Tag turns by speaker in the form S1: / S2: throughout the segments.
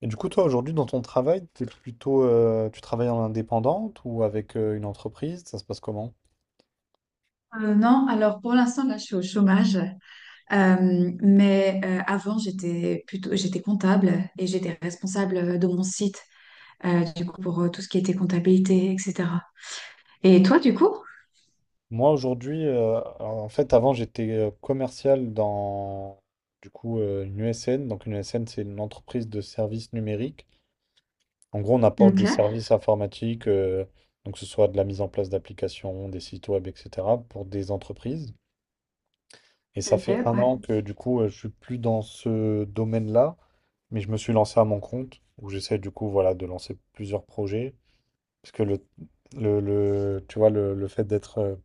S1: Et du coup, toi, aujourd'hui, dans ton travail, t'es plutôt, tu travailles en indépendante ou avec une entreprise? Ça se passe comment?
S2: Non, alors pour l'instant, là, je suis au chômage. Mais avant, j'étais comptable et j'étais responsable de mon site, du coup, pour tout ce qui était comptabilité, etc. Et toi, du coup?
S1: Moi, aujourd'hui, en fait, avant, j'étais commercial dans une ESN. Donc, une ESN, c'est une entreprise de services numériques. En gros, on apporte
S2: Ok,
S1: des services informatiques, donc que ce soit de la mise en place d'applications, des sites web, etc., pour des entreprises. Et ça
S2: ok,
S1: fait un
S2: ouais.
S1: an que du coup, je suis plus dans ce domaine-là, mais je me suis lancé à mon compte, où j'essaie du coup, voilà, de lancer plusieurs projets. Parce que tu vois, le fait d'être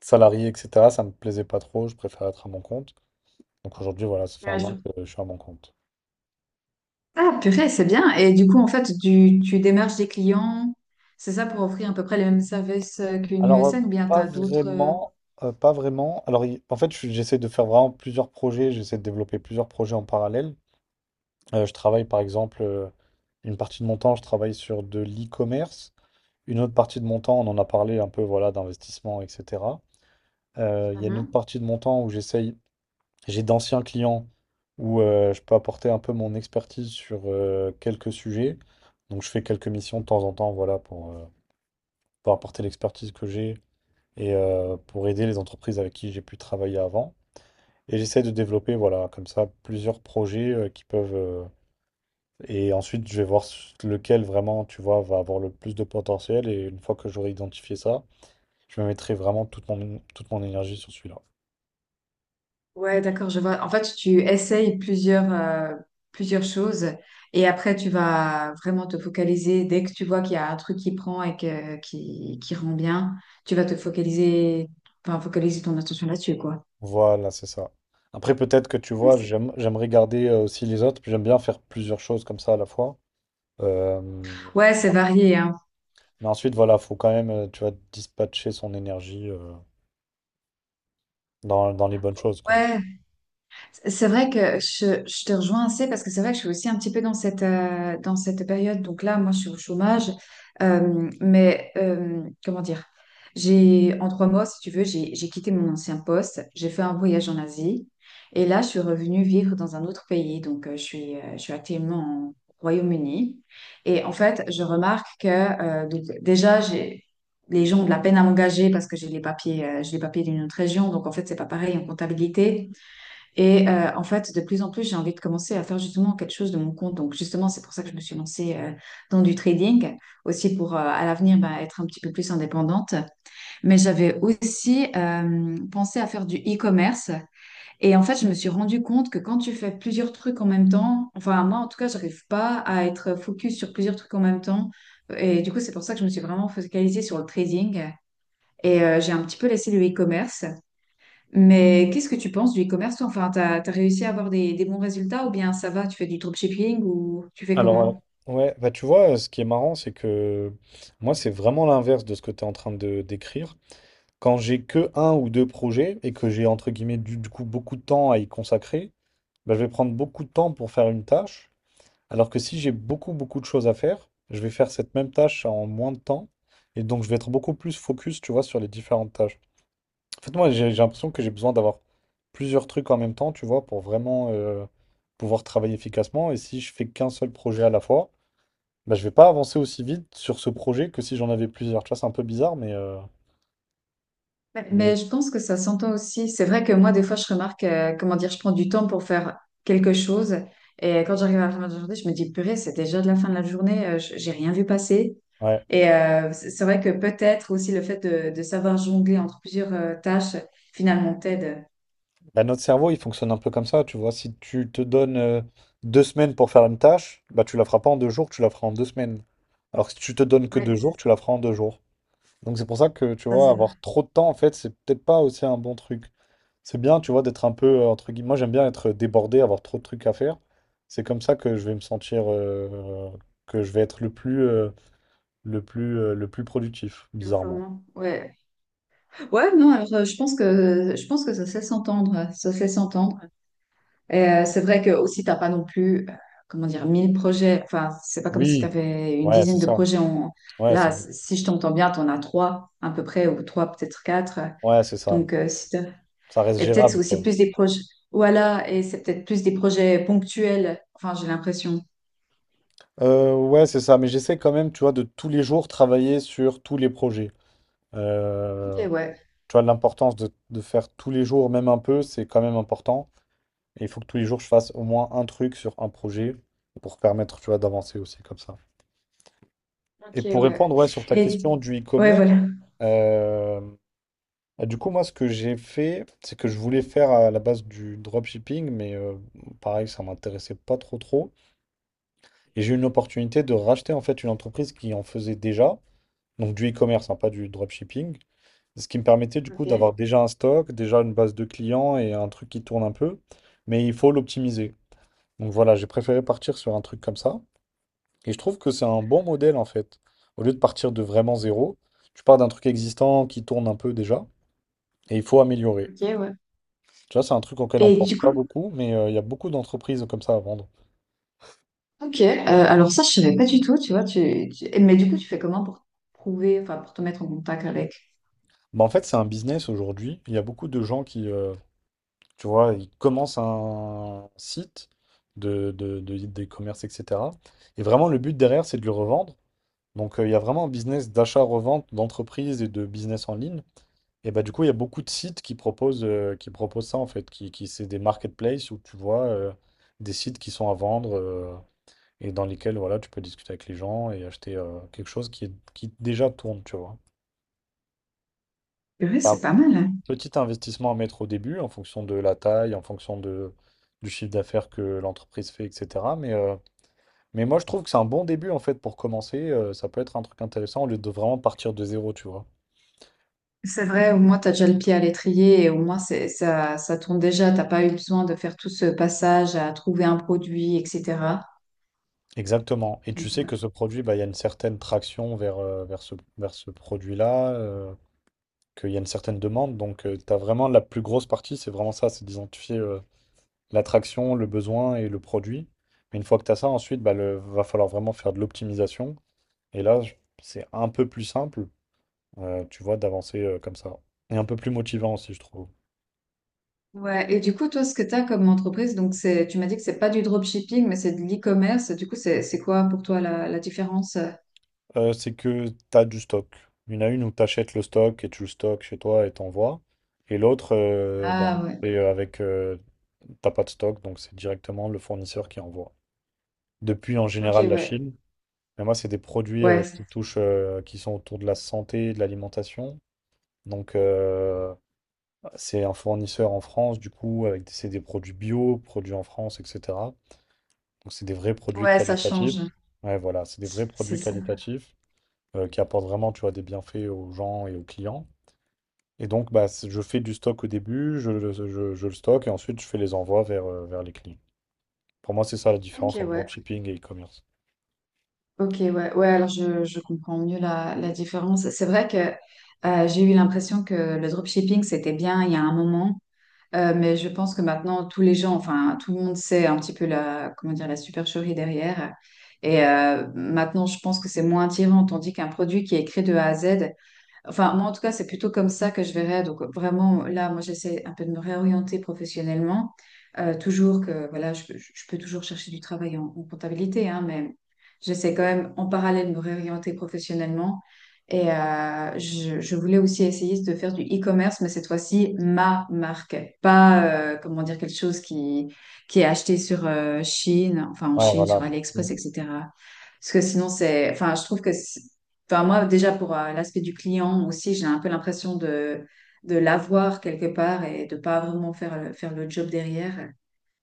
S1: salarié, etc., ça me plaisait pas trop, je préfère être à mon compte. Donc aujourd'hui, voilà, ça fait
S2: Ouais,
S1: un an
S2: je-
S1: que je suis à mon compte.
S2: Ah, purée, c'est bien. Et du coup, en fait, tu démarches des clients, c'est ça pour offrir à peu près les mêmes services qu'une
S1: Alors, euh,
S2: USN ou bien tu
S1: Pas
S2: as d'autres...
S1: vraiment, pas vraiment. Alors, en fait, j'essaie de faire vraiment plusieurs projets, j'essaie de développer plusieurs projets en parallèle. Je travaille par exemple, une partie de mon temps, je travaille sur de l'e-commerce. Une autre partie de mon temps, on en a parlé un peu, voilà, d'investissement, etc. Il y a une
S2: euh,
S1: autre partie de mon temps où j'essaye, j'ai d'anciens clients où je peux apporter un peu mon expertise sur quelques sujets. Donc je fais quelques missions de temps en temps, voilà, pour apporter l'expertise que j'ai et pour aider les entreprises avec qui j'ai pu travailler avant. Et j'essaie de développer, voilà, comme ça, plusieurs projets et ensuite, je vais voir lequel vraiment, tu vois, va avoir le plus de potentiel. Et une fois que j'aurai identifié ça, je me mettrai vraiment toute mon énergie sur celui-là.
S2: Ouais, d'accord, je vois. En fait, tu essayes plusieurs choses et après, tu vas vraiment te focaliser. Dès que tu vois qu'il y a un truc qui prend et qui rend bien, tu vas te focaliser, enfin, focaliser ton attention là-dessus, quoi.
S1: Voilà, c'est ça. Après, peut-être que tu
S2: Ouais,
S1: vois, j'aime regarder aussi les autres, puis j'aime bien faire plusieurs choses comme ça à la fois. Euh,
S2: c'est varié, hein.
S1: mais ensuite, voilà, faut quand même, tu vois, dispatcher son énergie dans les bonnes choses, quoi.
S2: Ouais, c'est vrai que je te rejoins assez parce que c'est vrai que je suis aussi un petit peu dans cette période. Donc là, moi, je suis au chômage. Mais comment dire? En 3 mois, si tu veux, j'ai quitté mon ancien poste. J'ai fait un voyage en Asie. Et là, je suis revenue vivre dans un autre pays. Donc, je suis actuellement au Royaume-Uni. Et en fait, je remarque que. Donc déjà, les gens ont de la peine à m'engager parce que j'ai les papiers d'une autre région. Donc, en fait, c'est pas pareil en comptabilité. Et en fait, de plus en plus, j'ai envie de commencer à faire justement quelque chose de mon compte. Donc, justement, c'est pour ça que je me suis lancée dans du trading, aussi pour à l'avenir bah, être un petit peu plus indépendante. Mais j'avais aussi pensé à faire du e-commerce. Et en fait, je me suis rendu compte que quand tu fais plusieurs trucs en même temps, enfin, moi en tout cas, j'arrive pas à être focus sur plusieurs trucs en même temps. Et du coup, c'est pour ça que je me suis vraiment focalisée sur le trading. Et j'ai un petit peu laissé le e-commerce. Mais qu'est-ce que tu penses du e-commerce, toi? Enfin, t'as réussi à avoir des bons résultats ou bien ça va, tu fais du dropshipping ou tu fais comment?
S1: Alors, ouais, Bah tu vois, ce qui est marrant, c'est que moi, c'est vraiment l'inverse de ce que tu es en train de décrire. Quand j'ai que un ou deux projets et que j'ai entre guillemets du coup beaucoup de temps à y consacrer, bah, je vais prendre beaucoup de temps pour faire une tâche, alors que si j'ai beaucoup beaucoup de choses à faire, je vais faire cette même tâche en moins de temps et donc je vais être beaucoup plus focus, tu vois, sur les différentes tâches. En fait, moi j'ai l'impression que j'ai besoin d'avoir plusieurs trucs en même temps, tu vois, pour vraiment pouvoir travailler efficacement et si je fais qu'un seul projet à la fois, bah, je vais pas avancer aussi vite sur ce projet que si j'en avais plusieurs. Tu vois, c'est un peu bizarre, mais,
S2: Mais
S1: mais
S2: mais je pense que ça s'entend aussi. C'est vrai que moi, des fois, je remarque, comment dire, je prends du temps pour faire quelque chose. Et quand j'arrive à la fin de la journée, je me dis, purée, c'est déjà de la fin de la journée, j'ai rien vu passer.
S1: ouais.
S2: Et c'est vrai que peut-être aussi le fait de savoir jongler entre plusieurs tâches, finalement, t'aide.
S1: Bah, notre cerveau, il fonctionne un peu comme ça, tu vois. Si tu te donnes deux semaines pour faire une tâche, bah, tu la feras pas en deux jours, tu la feras en deux semaines. Alors que si tu te donnes que deux
S2: Ouais, ça,
S1: jours, tu la feras en deux jours. Donc c'est pour ça que, tu
S2: ça,
S1: vois,
S2: c'est vrai.
S1: avoir trop de temps, en fait, c'est peut-être pas aussi un bon truc. C'est bien, tu vois, d'être un peu, entre guillemets, moi j'aime bien être débordé, avoir trop de trucs à faire. C'est comme ça que je vais me sentir, que je vais être le plus, le plus productif, bizarrement.
S2: Performant. Ouais. Ouais, non, alors, je pense que ça se laisse entendre, ça se laisse entendre. Et c'est vrai que aussi t'as pas non plus, comment dire, 1000 projets. Enfin, c'est pas comme si tu
S1: Oui,
S2: avais une
S1: ouais, c'est
S2: dizaine de
S1: ça.
S2: projets. En...
S1: Ouais,
S2: Là,
S1: c'est bon.
S2: si je t'entends bien, t'en as trois à peu près ou trois peut-être quatre.
S1: Ouais, c'est ça.
S2: Donc, si t'as-
S1: Ça reste
S2: et peut-être c'est
S1: gérable, quoi.
S2: aussi plus des projets. Voilà, et c'est peut-être plus des projets ponctuels. Enfin, j'ai l'impression.
S1: Ouais, c'est ça, mais j'essaie quand même, tu vois, de tous les jours travailler sur tous les projets.
S2: Ok,
S1: Euh,
S2: ouais.
S1: Tu vois, l'importance de faire tous les jours, même un peu, c'est quand même important. Et il faut que tous les jours, je fasse au moins un truc sur un projet pour permettre, tu vois, d'avancer aussi comme ça.
S2: Ok,
S1: Et pour
S2: ouais.
S1: répondre, ouais, sur ta
S2: Et
S1: question du
S2: ouais,
S1: e-commerce,
S2: voilà.
S1: euh, du coup, moi, ce que j'ai fait, c'est que je voulais faire à la base du dropshipping, mais pareil, ça m'intéressait pas trop trop. Et j'ai eu une opportunité de racheter, en fait, une entreprise qui en faisait déjà. Donc du e-commerce, hein, pas du dropshipping. Ce qui me permettait du coup d'avoir
S2: Ok,
S1: déjà un stock, déjà une base de clients et un truc qui tourne un peu, mais il faut l'optimiser. Donc voilà, j'ai préféré partir sur un truc comme ça. Et je trouve que c'est un bon modèle en fait. Au lieu de partir de vraiment zéro, tu pars d'un truc existant qui tourne un peu déjà et il faut améliorer.
S2: ok, ouais.
S1: Tu vois, c'est un truc auquel on
S2: Et
S1: pense
S2: du
S1: pas
S2: coup.
S1: beaucoup, mais il y a beaucoup d'entreprises comme ça à vendre.
S2: Ok, alors ça, je savais pas du tout, tu vois. Mais du coup, tu fais comment pour prouver, enfin, pour te mettre en contact avec?
S1: Bah, en fait, c'est un business aujourd'hui. Il y a beaucoup de gens qui tu vois, ils commencent un site d'e-commerce, etc. Et vraiment, le but derrière, c'est de le revendre. Donc, il y a vraiment un business d'achat-revente d'entreprises et de business en ligne. Et bah, du coup, il y a beaucoup de sites qui proposent ça, en fait, qui c'est des marketplaces où tu vois des sites qui sont à vendre et dans lesquels, voilà, tu peux discuter avec les gens et acheter quelque chose qui déjà tourne, tu vois.
S2: Purée, c'est pas mal, hein.
S1: Petit investissement à mettre au début en fonction de la taille, du chiffre d'affaires que l'entreprise fait, etc. Mais moi, je trouve que c'est un bon début en fait pour commencer. Ça peut être un truc intéressant au lieu de vraiment partir de zéro, tu vois.
S2: C'est vrai, au moins, t'as déjà le pied à l'étrier et au moins, ça, ça tourne déjà. T'as pas eu besoin de faire tout ce passage à trouver un produit, etc.
S1: Exactement. Et tu
S2: Donc.
S1: sais
S2: Ouais.
S1: que ce produit, bah, il y a une certaine traction vers ce produit-là, qu'il y a une certaine demande. Donc, tu as vraiment la plus grosse partie, c'est vraiment ça, c'est d'identifier l'attraction, le besoin et le produit. Mais une fois que tu as ça, ensuite, bah, va falloir vraiment faire de l'optimisation. Et c'est un peu plus simple, tu vois, d'avancer comme ça. Et un peu plus motivant aussi, je trouve.
S2: Ouais, et du coup, toi, ce que tu as comme entreprise, tu m'as dit que c'est pas du dropshipping, mais c'est de l'e-commerce. Du coup, c'est quoi pour toi la différence?
S1: C'est que tu as du stock. Il y en a une où tu achètes le stock et tu le stockes chez toi et t'envoies. Et l'autre,
S2: Ah ouais,
S1: c'est avec, t'as pas de stock, donc c'est directement le fournisseur qui envoie. Depuis en
S2: ok,
S1: général la
S2: ouais.
S1: Chine, mais moi c'est des produits
S2: Ouais,
S1: qui sont autour de la santé, et de l'alimentation. Donc c'est un fournisseur en France, du coup, avec c'est des produits bio, produits en France, etc. Donc c'est des vrais produits
S2: ouais, ça
S1: qualitatifs.
S2: change.
S1: Ouais, voilà, c'est des vrais
S2: C'est
S1: produits
S2: ça.
S1: qualitatifs qui apportent vraiment, tu vois, des bienfaits aux gens et aux clients. Et donc, bah, je fais du stock au début, je le stocke et ensuite je fais les envois vers, vers les clients. Pour moi, c'est ça la différence
S2: Ok,
S1: entre
S2: ouais.
S1: dropshipping et e-commerce.
S2: Ok, ouais, ouais, alors je comprends mieux la différence. C'est vrai que j'ai eu l'impression que le dropshipping, c'était bien il y a un moment, mais je pense que maintenant, tous les gens, enfin, tout le monde sait un petit peu comment dire, la supercherie derrière. Et maintenant, je pense que c'est moins attirant, tandis qu'un produit qui est créé de A à Z. Enfin, moi, en tout cas, c'est plutôt comme ça que je verrais. Donc, vraiment, là, moi, j'essaie un peu de me réorienter professionnellement. Toujours que, voilà, je peux toujours chercher du travail en comptabilité, hein, mais j'essaie quand même en parallèle de me réorienter professionnellement. Et je voulais aussi essayer de faire du e-commerce, mais cette fois-ci, ma marque. Pas, comment dire, quelque chose qui est acheté sur Chine, enfin en
S1: Ouais,
S2: Chine, sur
S1: voilà. Mm.
S2: AliExpress, etc. Parce que sinon, enfin, je trouve que. Enfin, moi, déjà, pour l'aspect du client aussi, j'ai un peu l'impression de l'avoir quelque part et de pas vraiment faire faire le job derrière.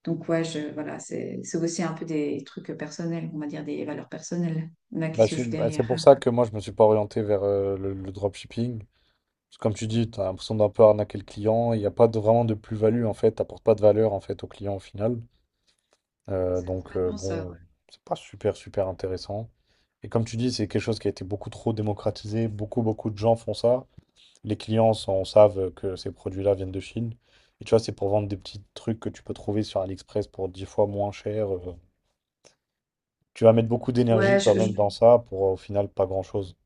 S2: Donc, ouais, voilà, c'est aussi un peu des trucs personnels, on va dire des valeurs personnelles là, qui se jouent
S1: Bah, c'est pour
S2: derrière.
S1: ça que moi, je me suis pas orienté vers le dropshipping. Parce que comme tu dis, tu as l'impression d'un peu arnaquer le client. Il n'y a pas de, vraiment de plus-value, en fait. Tu n'apportes pas de valeur, en fait, au client au final.
S2: C'est complètement ça. Ouais.
S1: Bon, c'est pas super, super intéressant. Et comme tu dis, c'est quelque chose qui a été beaucoup trop démocratisé. Beaucoup, beaucoup de gens font ça. Les clients s'en savent que ces produits-là viennent de Chine. Et tu vois, c'est pour vendre des petits trucs que tu peux trouver sur AliExpress pour 10 fois moins cher. Tu vas mettre beaucoup
S2: Ouais,
S1: d'énergie
S2: je,
S1: quand
S2: je-
S1: même dans ça pour au final pas grand-chose.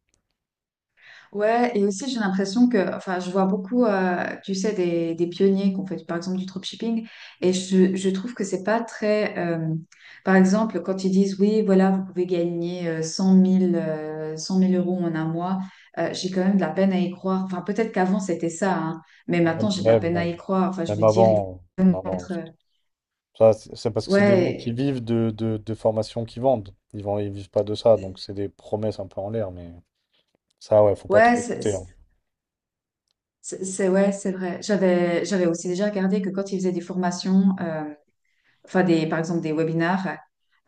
S2: Ouais, et aussi j'ai l'impression que, enfin, je vois beaucoup, tu sais, des pionniers qui ont fait par exemple du dropshipping, et je trouve que c'est pas très, par exemple, quand ils disent oui, voilà, vous pouvez gagner 100 000 euros en un mois, j'ai quand même de la peine à y croire. Enfin, peut-être qu'avant c'était ça, hein, mais
S1: Même,
S2: maintenant j'ai de la
S1: même,
S2: peine à
S1: non.
S2: y croire. Enfin, je
S1: Même
S2: veux dire, il
S1: avant.
S2: faut
S1: Non, non.
S2: être,
S1: Ça, c'est parce que c'est des gens qui
S2: ouais.
S1: vivent de formations qui vendent. Ils vivent pas de ça. Donc c'est des promesses un peu en l'air. Mais ça, ouais, faut pas
S2: Ouais,
S1: trop écouter, hein.
S2: ouais, c'est vrai. J'avais aussi déjà regardé que quand ils faisaient des formations, enfin des, par exemple des webinars.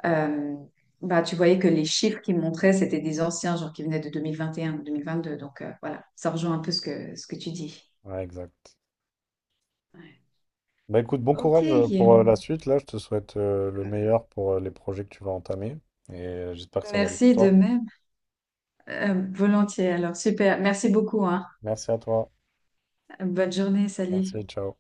S2: Euh, Bah, tu voyais que les chiffres qu'ils montraient, c'était des anciens, genre qui venaient de 2021 ou 2022. Donc voilà, ça rejoint un peu ce que tu dis.
S1: Ouais, exact.
S2: Ouais.
S1: Bah écoute, bon
S2: Ok,
S1: courage pour la suite. Là, je te souhaite le meilleur pour les projets que tu vas entamer. Et j'espère que ça va bien pour
S2: merci de
S1: toi.
S2: même. Volontiers, alors super. Merci beaucoup, hein.
S1: Merci à toi.
S2: Bonne journée, salut.
S1: Merci, ciao.